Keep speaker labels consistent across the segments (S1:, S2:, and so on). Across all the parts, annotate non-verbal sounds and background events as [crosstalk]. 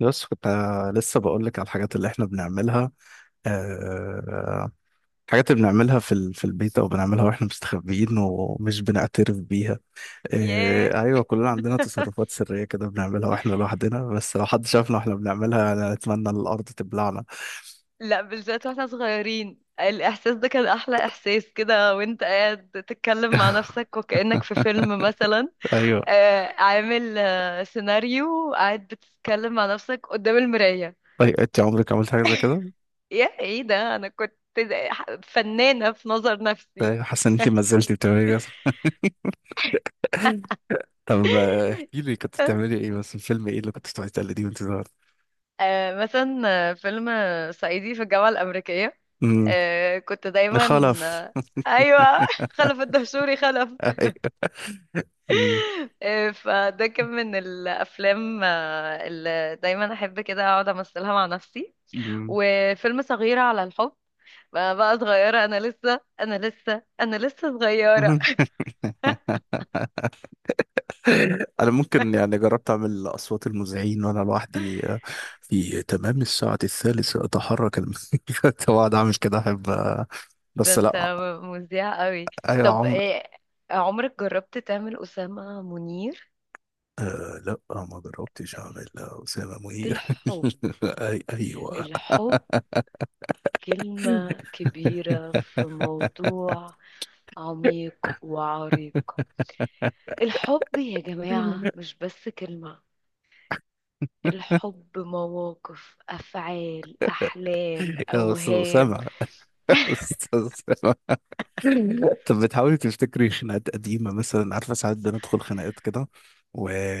S1: بس كنت لسه بقول لك على الحاجات اللي احنا بنعملها. آه، الحاجات اللي بنعملها في البيت او بنعملها واحنا مستخبيين ومش بنعترف بيها.
S2: ياه.
S1: آه، ايوه، كلنا عندنا تصرفات سرية كده بنعملها واحنا لوحدنا، بس لو حد شافنا واحنا بنعملها انا اتمنى ان الارض تبلعنا.
S2: لا بالذات واحنا صغيرين الإحساس ده كان أحلى إحساس كده وانت قاعد تتكلم مع نفسك وكأنك في فيلم مثلا.
S1: ايوه.
S2: عامل سيناريو، قاعد بتتكلم مع نفسك قدام المراية.
S1: طيب، انت عمرك عملت حاجة زي كده؟
S2: يا ايه ده، أنا كنت فنانة في نظر نفسي.
S1: طيب، حاسس ان انت ما زلتي بتعملي كده؟ طب احكي
S2: [laughs]
S1: لي كنت بتعملي ايه، بس الفيلم ايه اللي كنت بتقعدي تقلديه وانت صغير؟
S2: مثلا فيلم صعيدي في الجامعة الأمريكية.
S1: امم.
S2: كنت دايما
S1: خلف.
S2: آه، أيوة. [laughs] خلف الدهشوري خلف.
S1: [laughs] ايوه.
S2: [laughs] فده كان من الافلام اللي دايما احب كده اقعد امثلها مع نفسي.
S1: أمم.
S2: وفيلم صغيرة على الحب. بقى صغيرة، انا لسه صغيرة.
S1: [laughs] انا ممكن يعني جربت اعمل اصوات المذيعين وانا لوحدي، في تمام الساعه الثالثه اتحرك كنت بقعد [laughs] اعمل كده، احب
S2: ده
S1: بس
S2: انت
S1: لا.
S2: مذيع قوي.
S1: اي
S2: طب
S1: عمر.
S2: إيه، عمرك جربت تعمل أسامة منير؟
S1: آه لا، ما جربتش اعمل اسامه منير.
S2: الحب
S1: [laughs] أي ايوه.
S2: الحب كلمة كبيرة، في موضوع عميق وعريق. الحب يا جماعة
S1: [laughs]
S2: مش بس كلمة، الحب مواقف، أفعال، أحلام،
S1: يا استاذ اسامه،
S2: أوهام.
S1: يا [laughs] استاذ سامع. [laughs] طب بتحاولي تفتكري خناقات قديمة مثلا؟ عارفة، ساعات بندخل خناقات كده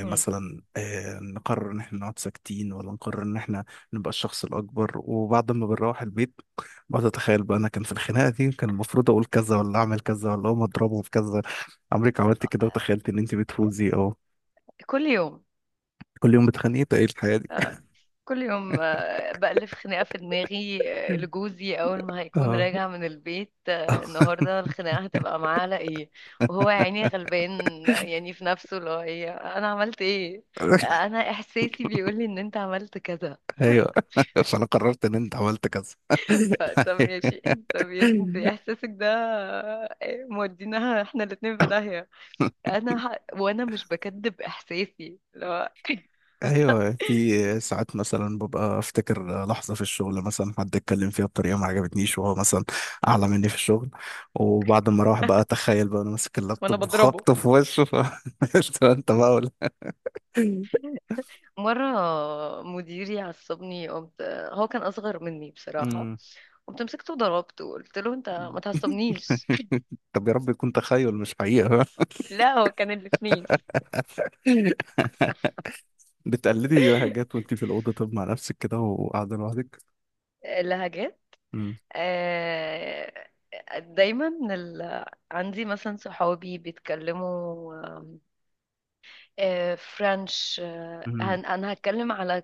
S2: مم.
S1: نقرر ان احنا نقعد ساكتين ولا نقرر ان احنا نبقى الشخص الاكبر، وبعد ما بنروح البيت بقعد اتخيل بقى انا كان في الخناقة دي كان المفروض اقول كذا ولا اعمل كذا ولا اقوم اضربه في كذا. عمرك عملت كده وتخيلت ان انت بتفوزي او
S2: كل يوم.
S1: كل يوم بتخانقي؟ ده ايه الحياة دي؟
S2: آه، كل يوم، بألف خناقة في دماغي. لجوزي أول ما هيكون
S1: اه.
S2: راجع من البيت، النهاردة الخناقة هتبقى معاه على إيه. وهو يا عيني غلبان، يعني في نفسه اللي هو إيه، أنا عملت إيه؟
S1: [laughs]
S2: أنا إحساسي بيقولي إن أنت عملت كذا.
S1: ايوه، [laughs] فانا قررت ان انت عملت كذا.
S2: [laughs] فطب يا شيخ. أنت إحساسك ده مودينا إحنا الاتنين في داهية. انا وانا مش بكذب احساسي لو.
S1: ايوه،
S2: [laughs]
S1: في ساعات مثلا ببقى افتكر لحظه في الشغل، مثلا حد اتكلم فيها بطريقه ما عجبتنيش، وهو مثلا اعلى مني في الشغل، وبعد ما اروح بقى اتخيل بقى انا ماسك
S2: وانا
S1: اللابتوب
S2: بضربه.
S1: وخبطه في وشه [laughs] انت بقى ولا؟
S2: مرة مديري عصبني، قمت، هو كان أصغر مني بصراحة،
S1: مم.
S2: قمت مسكته وضربته، قلت له أنت ما تعصبنيش.
S1: [laughs] طب يا رب يكون تخيل مش حقيقه.
S2: [laughs] لا هو كان الاتنين.
S1: [laughs] بتقلدي حاجات وانت في الاوضه؟ طب مع نفسك كده وقاعده لوحدك؟
S2: اللهجات.
S1: مم.
S2: آه، دايما ال... عندي مثلا صحابي بيتكلموا فرنش،
S1: مم.
S2: أنا هتكلم على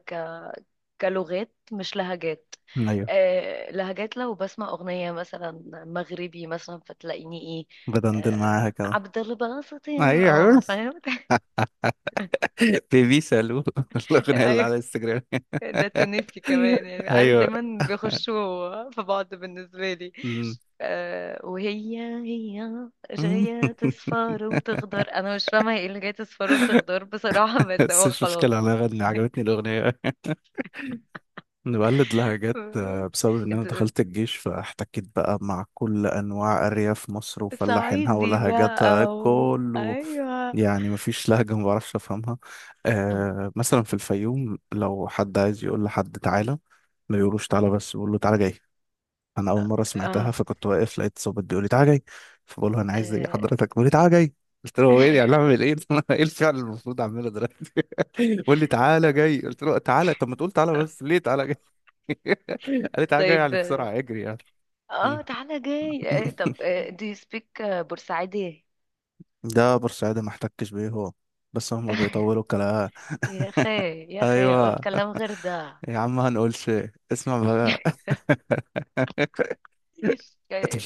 S2: كلغات مش لهجات.
S1: ايوه
S2: آه لهجات، لو بسمع أغنية مثلا مغربي مثلا، فتلاقيني ايه
S1: بدندن معاها
S2: آه
S1: كده.
S2: عبد الباسط يا اه
S1: ايوه،
S2: فاهم.
S1: [laughs] بيبي سالو،
S2: [laughs]
S1: الاغنيه اللي على
S2: ايوه
S1: الانستجرام.
S2: ده
S1: [laughs]
S2: تونسي كمان، يعني عارف
S1: ايوه.
S2: دايما بيخشوا في بعض بالنسبة لي.
S1: أمم.
S2: آه وهي هي
S1: أمم.
S2: جاية تصفر
S1: [laughs]
S2: وتخضر، انا مش فاهمة ايه اللي جاية تصفر وتخضر بصراحة. [laughs] بس
S1: بس
S2: هو
S1: مش مشكلة،
S2: خلاص.
S1: انا غني عجبتني الاغنية. [laughs] انا بقلد لهجات
S2: [laughs]
S1: بسبب ان انا
S2: انت
S1: دخلت الجيش فاحتكيت بقى مع كل انواع ارياف مصر وفلاحينها
S2: صعيدي
S1: ولهجاتها
S2: بقى
S1: كله.
S2: ايوه.
S1: يعني مفيش لهجة ما بعرفش افهمها. آه مثلا في الفيوم لو حد عايز يقول لحد تعالى ما بيقولوش تعالى، بس بيقول له تعالى جاي. انا اول مره سمعتها
S2: اه
S1: فكنت واقف لقيت ظابط بيقول لي تعالى جاي، فبقول له انا عايز ايه
S2: آه،
S1: حضرتك؟ بيقول لي تعالى جاي. قلت له هو ايه يعني اعمل
S2: [laughs]
S1: ايه؟ [laughs] ايه الفعل المفروض اعمله دلوقتي؟ بيقول لي تعالى جاي، قلت له تعالى طب ما تقول تعالى، بس ليه تعالى جاي؟ [laughs] قال لي تعالى جاي
S2: طيب.
S1: يعني بسرعه اجري يعني.
S2: اه
S1: مم.
S2: تعالى جاي.
S1: [laughs]
S2: طب do you speak بورسعيدي؟
S1: ده بورسعيدي ما احتكش بيه هو، بس هم
S2: [laughs]
S1: بيطولوا الكلام.
S2: يا
S1: [laughs]
S2: اخي، يا اخي قول
S1: ايوه.
S2: كلام غير ده.
S1: يا عم هنقولش. اسمع بقى.
S2: [laughs]
S1: [laughs]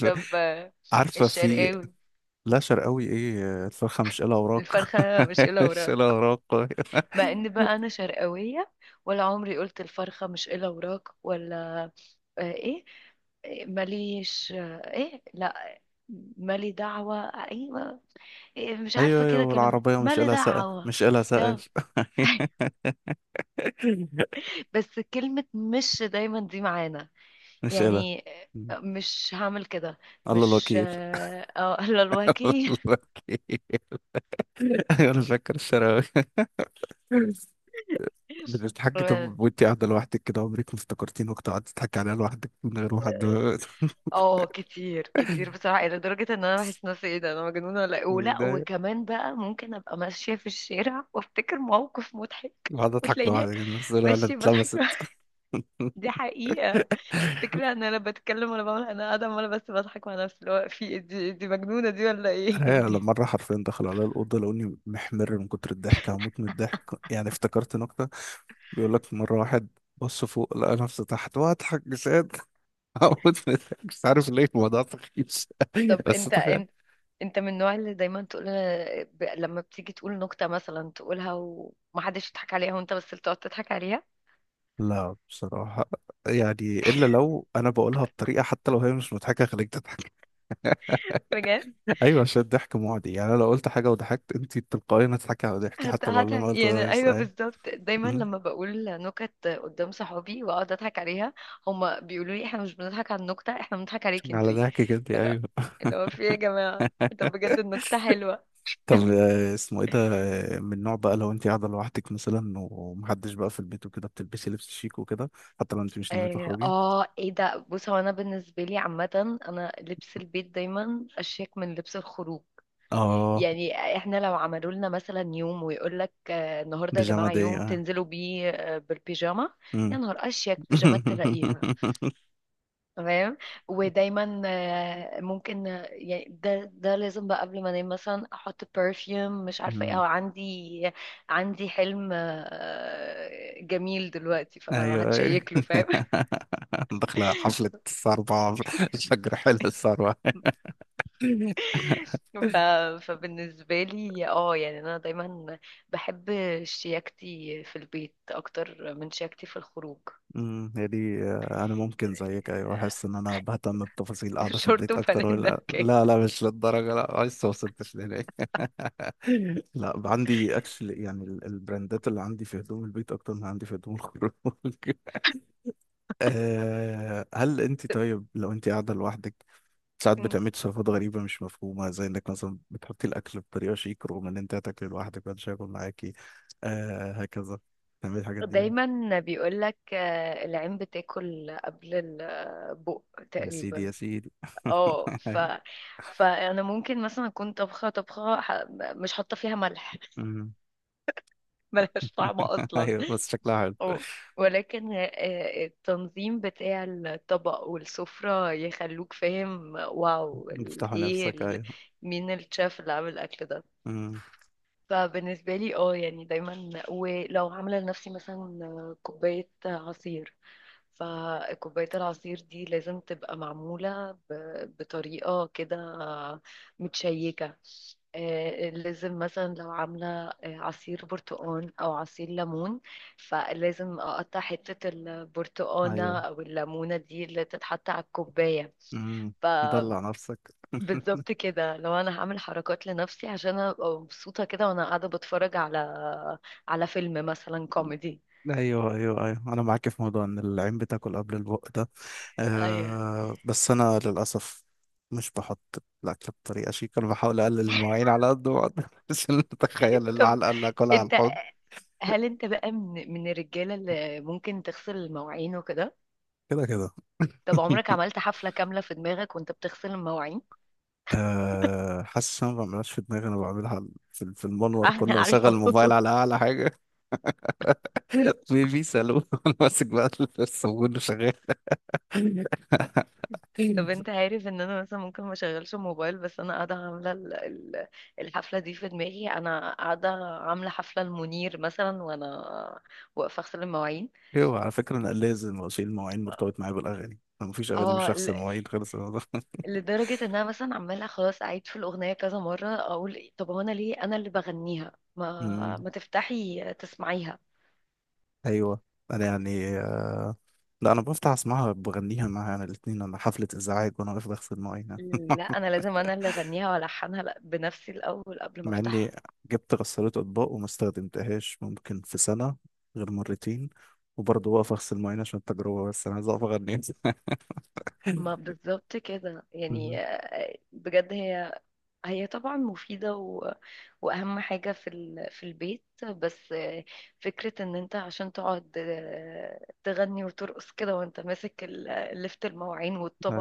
S2: طب
S1: عارفه في...
S2: الشرقاوي.
S1: لا، شرقاوي ايه الفرخه مش قلها وراك.
S2: الفرخة مش
S1: [laughs]
S2: إلا
S1: مش
S2: وراك.
S1: قلها وراك.
S2: مع ان بقى انا شرقاوية، ولا عمري قلت الفرخة مش إلا وراك ولا ايه. إيه، ماليش آه، ايه لا، مالي دعوة، ايوه. إيه، مش عارفة
S1: ايوه ايوه،
S2: كده كلمات
S1: والعربية مش
S2: مالي
S1: قالها سقف
S2: دعوة.
S1: مش قالها
S2: لا.
S1: سقف.
S2: [laughs]
S1: [laughs]
S2: بس كلمة مش دايما دي معانا
S1: مش قالها
S2: يعني. مش هعمل كده.
S1: الله
S2: مش
S1: الوكيل.
S2: اه [laughs] لا
S1: [laughs]
S2: الواكي.
S1: الله الوكيل. [laughs] أيوة، انا فاكر الشراوي. [laughs] بتضحكي
S2: اه
S1: طب وانت قاعدة لوحدك كده؟ عمرك ما افتكرتيني وقت قعدت تضحكي عليها لوحدك من غير ما حد؟ [laughs]
S2: كتير كتير بصراحة، إلى درجة إن أنا بحس نفسي إيه ده، أنا مجنونة ولا إيه؟ ولا
S1: متضايق.
S2: وكمان بقى ممكن أبقى ماشية في الشارع وأفتكر موقف مضحك،
S1: قاعدة اضحك
S2: وتلاقيني
S1: لوحدك الناس دول، ولا
S2: ماشية بضحك.
S1: اتلبست؟
S2: [laughs] دي
S1: [laughs]
S2: حقيقة. فكرة إن أنا لا بتكلم ولا بعمل، أنا قاعدة عمالة بس بضحك مع نفسي، اللي هو في إيه دي مجنونة دي ولا
S1: هي لما
S2: إيه؟
S1: مرة
S2: [laughs]
S1: حرفيا دخلوا على الأوضة لقوني محمر من كتر الضحك، هموت من الضحك، يعني افتكرت نكتة. بيقول لك مرة واحد بص فوق لقى نفسه تحت وأضحك جساد. أقعد مش عارف ليه الموضوع سخيف، [laughs]
S2: طب
S1: بس
S2: انت
S1: تخيل.
S2: انت انت من النوع اللي دايما تقول، لما بتيجي تقول نكتة مثلا تقولها ومحدش يضحك عليها وانت بس اللي تقعد تضحك عليها؟
S1: لا بصراحة، يعني إلا لو أنا بقولها بطريقة حتى لو هي مش مضحكة خليك تضحك.
S2: بجد.
S1: [laughs] أيوة، عشان الضحك معدي. يعني أنا لو قلت حاجة وضحكت، أنت تلقائيا هتضحكي على ضحكي حتى لو اللي أنا
S2: هضحك
S1: قلته ده
S2: يعني، ايوه
S1: أيوة.
S2: بالظبط. دايما
S1: أمم.
S2: لما بقول نكت قدام صحابي واقعد اضحك عليها، هما بيقولوا لي احنا مش بنضحك على النكتة، احنا بنضحك عليك
S1: على
S2: انتي.
S1: ضحكك أنت،
S2: لا،
S1: أيوة. [laughs]
S2: اللي هو في ايه يا جماعة؟ طب بجد النكتة حلوة.
S1: طب اسمه إيه ده؟ من نوع بقى لو أنت قاعدة لوحدك مثلا ومحدش بقى في البيت وكده بتلبسي لبس شيك وكده، حتى لو أنت مش ناوية
S2: اه
S1: تخرجي؟
S2: ايه ده، بص هو انا بالنسبه لي عامه، انا لبس البيت دايما اشيك من لبس الخروج.
S1: آه،
S2: يعني احنا لو عملوا لنا مثلا يوم ويقول لك النهارده يا
S1: بيجامة
S2: جماعه
S1: دي
S2: يوم
S1: أه.
S2: تنزلوا بيه بالبيجامه، يا
S1: أمم.
S2: نهار اشيك بيجامات تلاقيها. تمام. ودايما ممكن يعني ده لازم بقى قبل ما انام مثلا احط برفيوم مش عارفه ايه، او
S1: [laughs]
S2: عندي حلم جميل دلوقتي فانا
S1: ايوه ايوه.
S2: هتشيك له فاهم.
S1: [laughs] داخله حفله الثروه، الفجر حلو الثروه.
S2: [laughs] ف... فبالنسبه لي اه يعني انا دايما بحب شياكتي في البيت اكتر من شياكتي في الخروج.
S1: أمم، هي دي انا ممكن زيك ايوه، احس ان انا بهتم بتفاصيل
S2: [laughs]
S1: قاعده في
S2: شورت
S1: البيت اكتر،
S2: وفانلة
S1: ولا
S2: كاب.
S1: لا لا مش للدرجه، لا لسه ما وصلتش لهناك. لا عندي اكشلي، يعني البراندات اللي عندي في هدوم البيت اكتر من عندي في هدوم الخروج. [laughs] هل انت طيب لو انت قاعده لوحدك ساعات بتعملي تصرفات غريبة مش مفهومة، زي انك مثلا بتحطي الأكل بطريقة شيك رغم ان انت هتاكلي لوحدك محدش هياكل معاكي، آه هكذا، بتعملي الحاجات دي يعني؟
S2: دايما بيقول لك العين بتاكل قبل البق،
S1: يا سيدي يا
S2: تقريبا.
S1: سيدي، [laughs]
S2: اه
S1: أيوة.
S2: فانا ممكن مثلا اكون طبخه مش حاطه فيها ملح. [laughs]
S1: أمم.
S2: ملهاش طعم
S1: [laughs]
S2: اصلا.
S1: ايوه بس شكلها حلو.
S2: اه ولكن التنظيم بتاع الطبق والسفرة يخلوك فاهم واو
S1: افتحوا
S2: ايه
S1: نفسك، ايوه.
S2: مين الشيف اللي عامل الاكل ده.
S1: أمم.
S2: فبالنسبة لي اه يعني دايما، ولو عاملة لنفسي مثلا كوباية عصير، فكوباية العصير دي لازم تبقى معمولة بطريقة كده متشيكة. لازم مثلا لو عاملة عصير برتقان أو عصير ليمون، فلازم أقطع حتة البرتقانة
S1: ايوه.
S2: أو الليمونة دي اللي تتحط على الكوباية.
S1: أمم.
S2: ف
S1: دلع نفسك. [laughs]
S2: بالظبط كده، لو انا هعمل حركات لنفسي عشان أنا ابقى مبسوطه كده وانا قاعده بتفرج على فيلم مثلا كوميدي.
S1: ايوه ايوه ايوه، انا معاك في موضوع ان العين بتاكل قبل البق ده.
S2: ايوه.
S1: أه، بس أنا للأسف مش بحط الأكل بطريقة شيك، أنا بحاول أقلل المواعين على قد ما أقدر [laughs] عشان أتخيل
S2: طب
S1: العلقة اللي هاكلها على
S2: انت
S1: الحوض.
S2: هل انت بقى من الرجاله اللي ممكن تغسل المواعين وكده؟
S1: كده كده.
S2: طب عمرك
S1: [laughs]
S2: عملت حفله كامله في دماغك وانت بتغسل المواعين؟
S1: أه، حاسس إن أنا ما بعملهاش في دماغي، أنا بعملها في
S2: [laughs]
S1: المنور
S2: احنا
S1: كله، بشغل
S2: عارفه.
S1: الموبايل على أعلى حاجة. [laughs] بيبي سالون. [laughs] وأنا ماسك بقى الصابون وشغال.
S2: طب انت
S1: [laughs]
S2: عارف ان انا مثلا ممكن ما اشغلش الموبايل، بس انا قاعده عامله الحفله دي في دماغي، انا قاعده عامله حفله المنير مثلا وانا واقفه اغسل المواعين.
S1: أيوه على فكرة، أنا لازم أشيل المواعين مرتبط معايا بالأغاني، أنا مفيش أغاني مش
S2: اه
S1: هغسل المواعين خالص أنا ده. [laughs]
S2: لدرجة ان انا مثلا عمالة خلاص اعيد في الاغنية كذا مرة اقول إيه، طب هو انا ليه انا اللي بغنيها،
S1: أمم،
S2: ما تفتحي تسمعيها.
S1: أيوه. أنا يعني لا انا بفتح اسمعها بغنيها معاها، انا الاتنين، انا حفلة ازعاج وانا واقف بغسل مواعينها.
S2: لا انا لازم انا اللي اغنيها والحنها، لأ، بنفسي الاول قبل ما
S1: مع اني
S2: افتحها.
S1: جبت غسالة اطباق وما استخدمتهاش ممكن في سنة غير مرتين، وبرضه واقف اغسل مواعين عشان التجربة بس انا عايز اقف اغني.
S2: ما بالظبط كده يعني.
S1: [laughs]
S2: بجد هي طبعا مفيدة واهم حاجة في في البيت، بس فكرة ان انت عشان تقعد تغني وترقص كده وانت ماسك لفت المواعين
S1: مم.
S2: والطبق.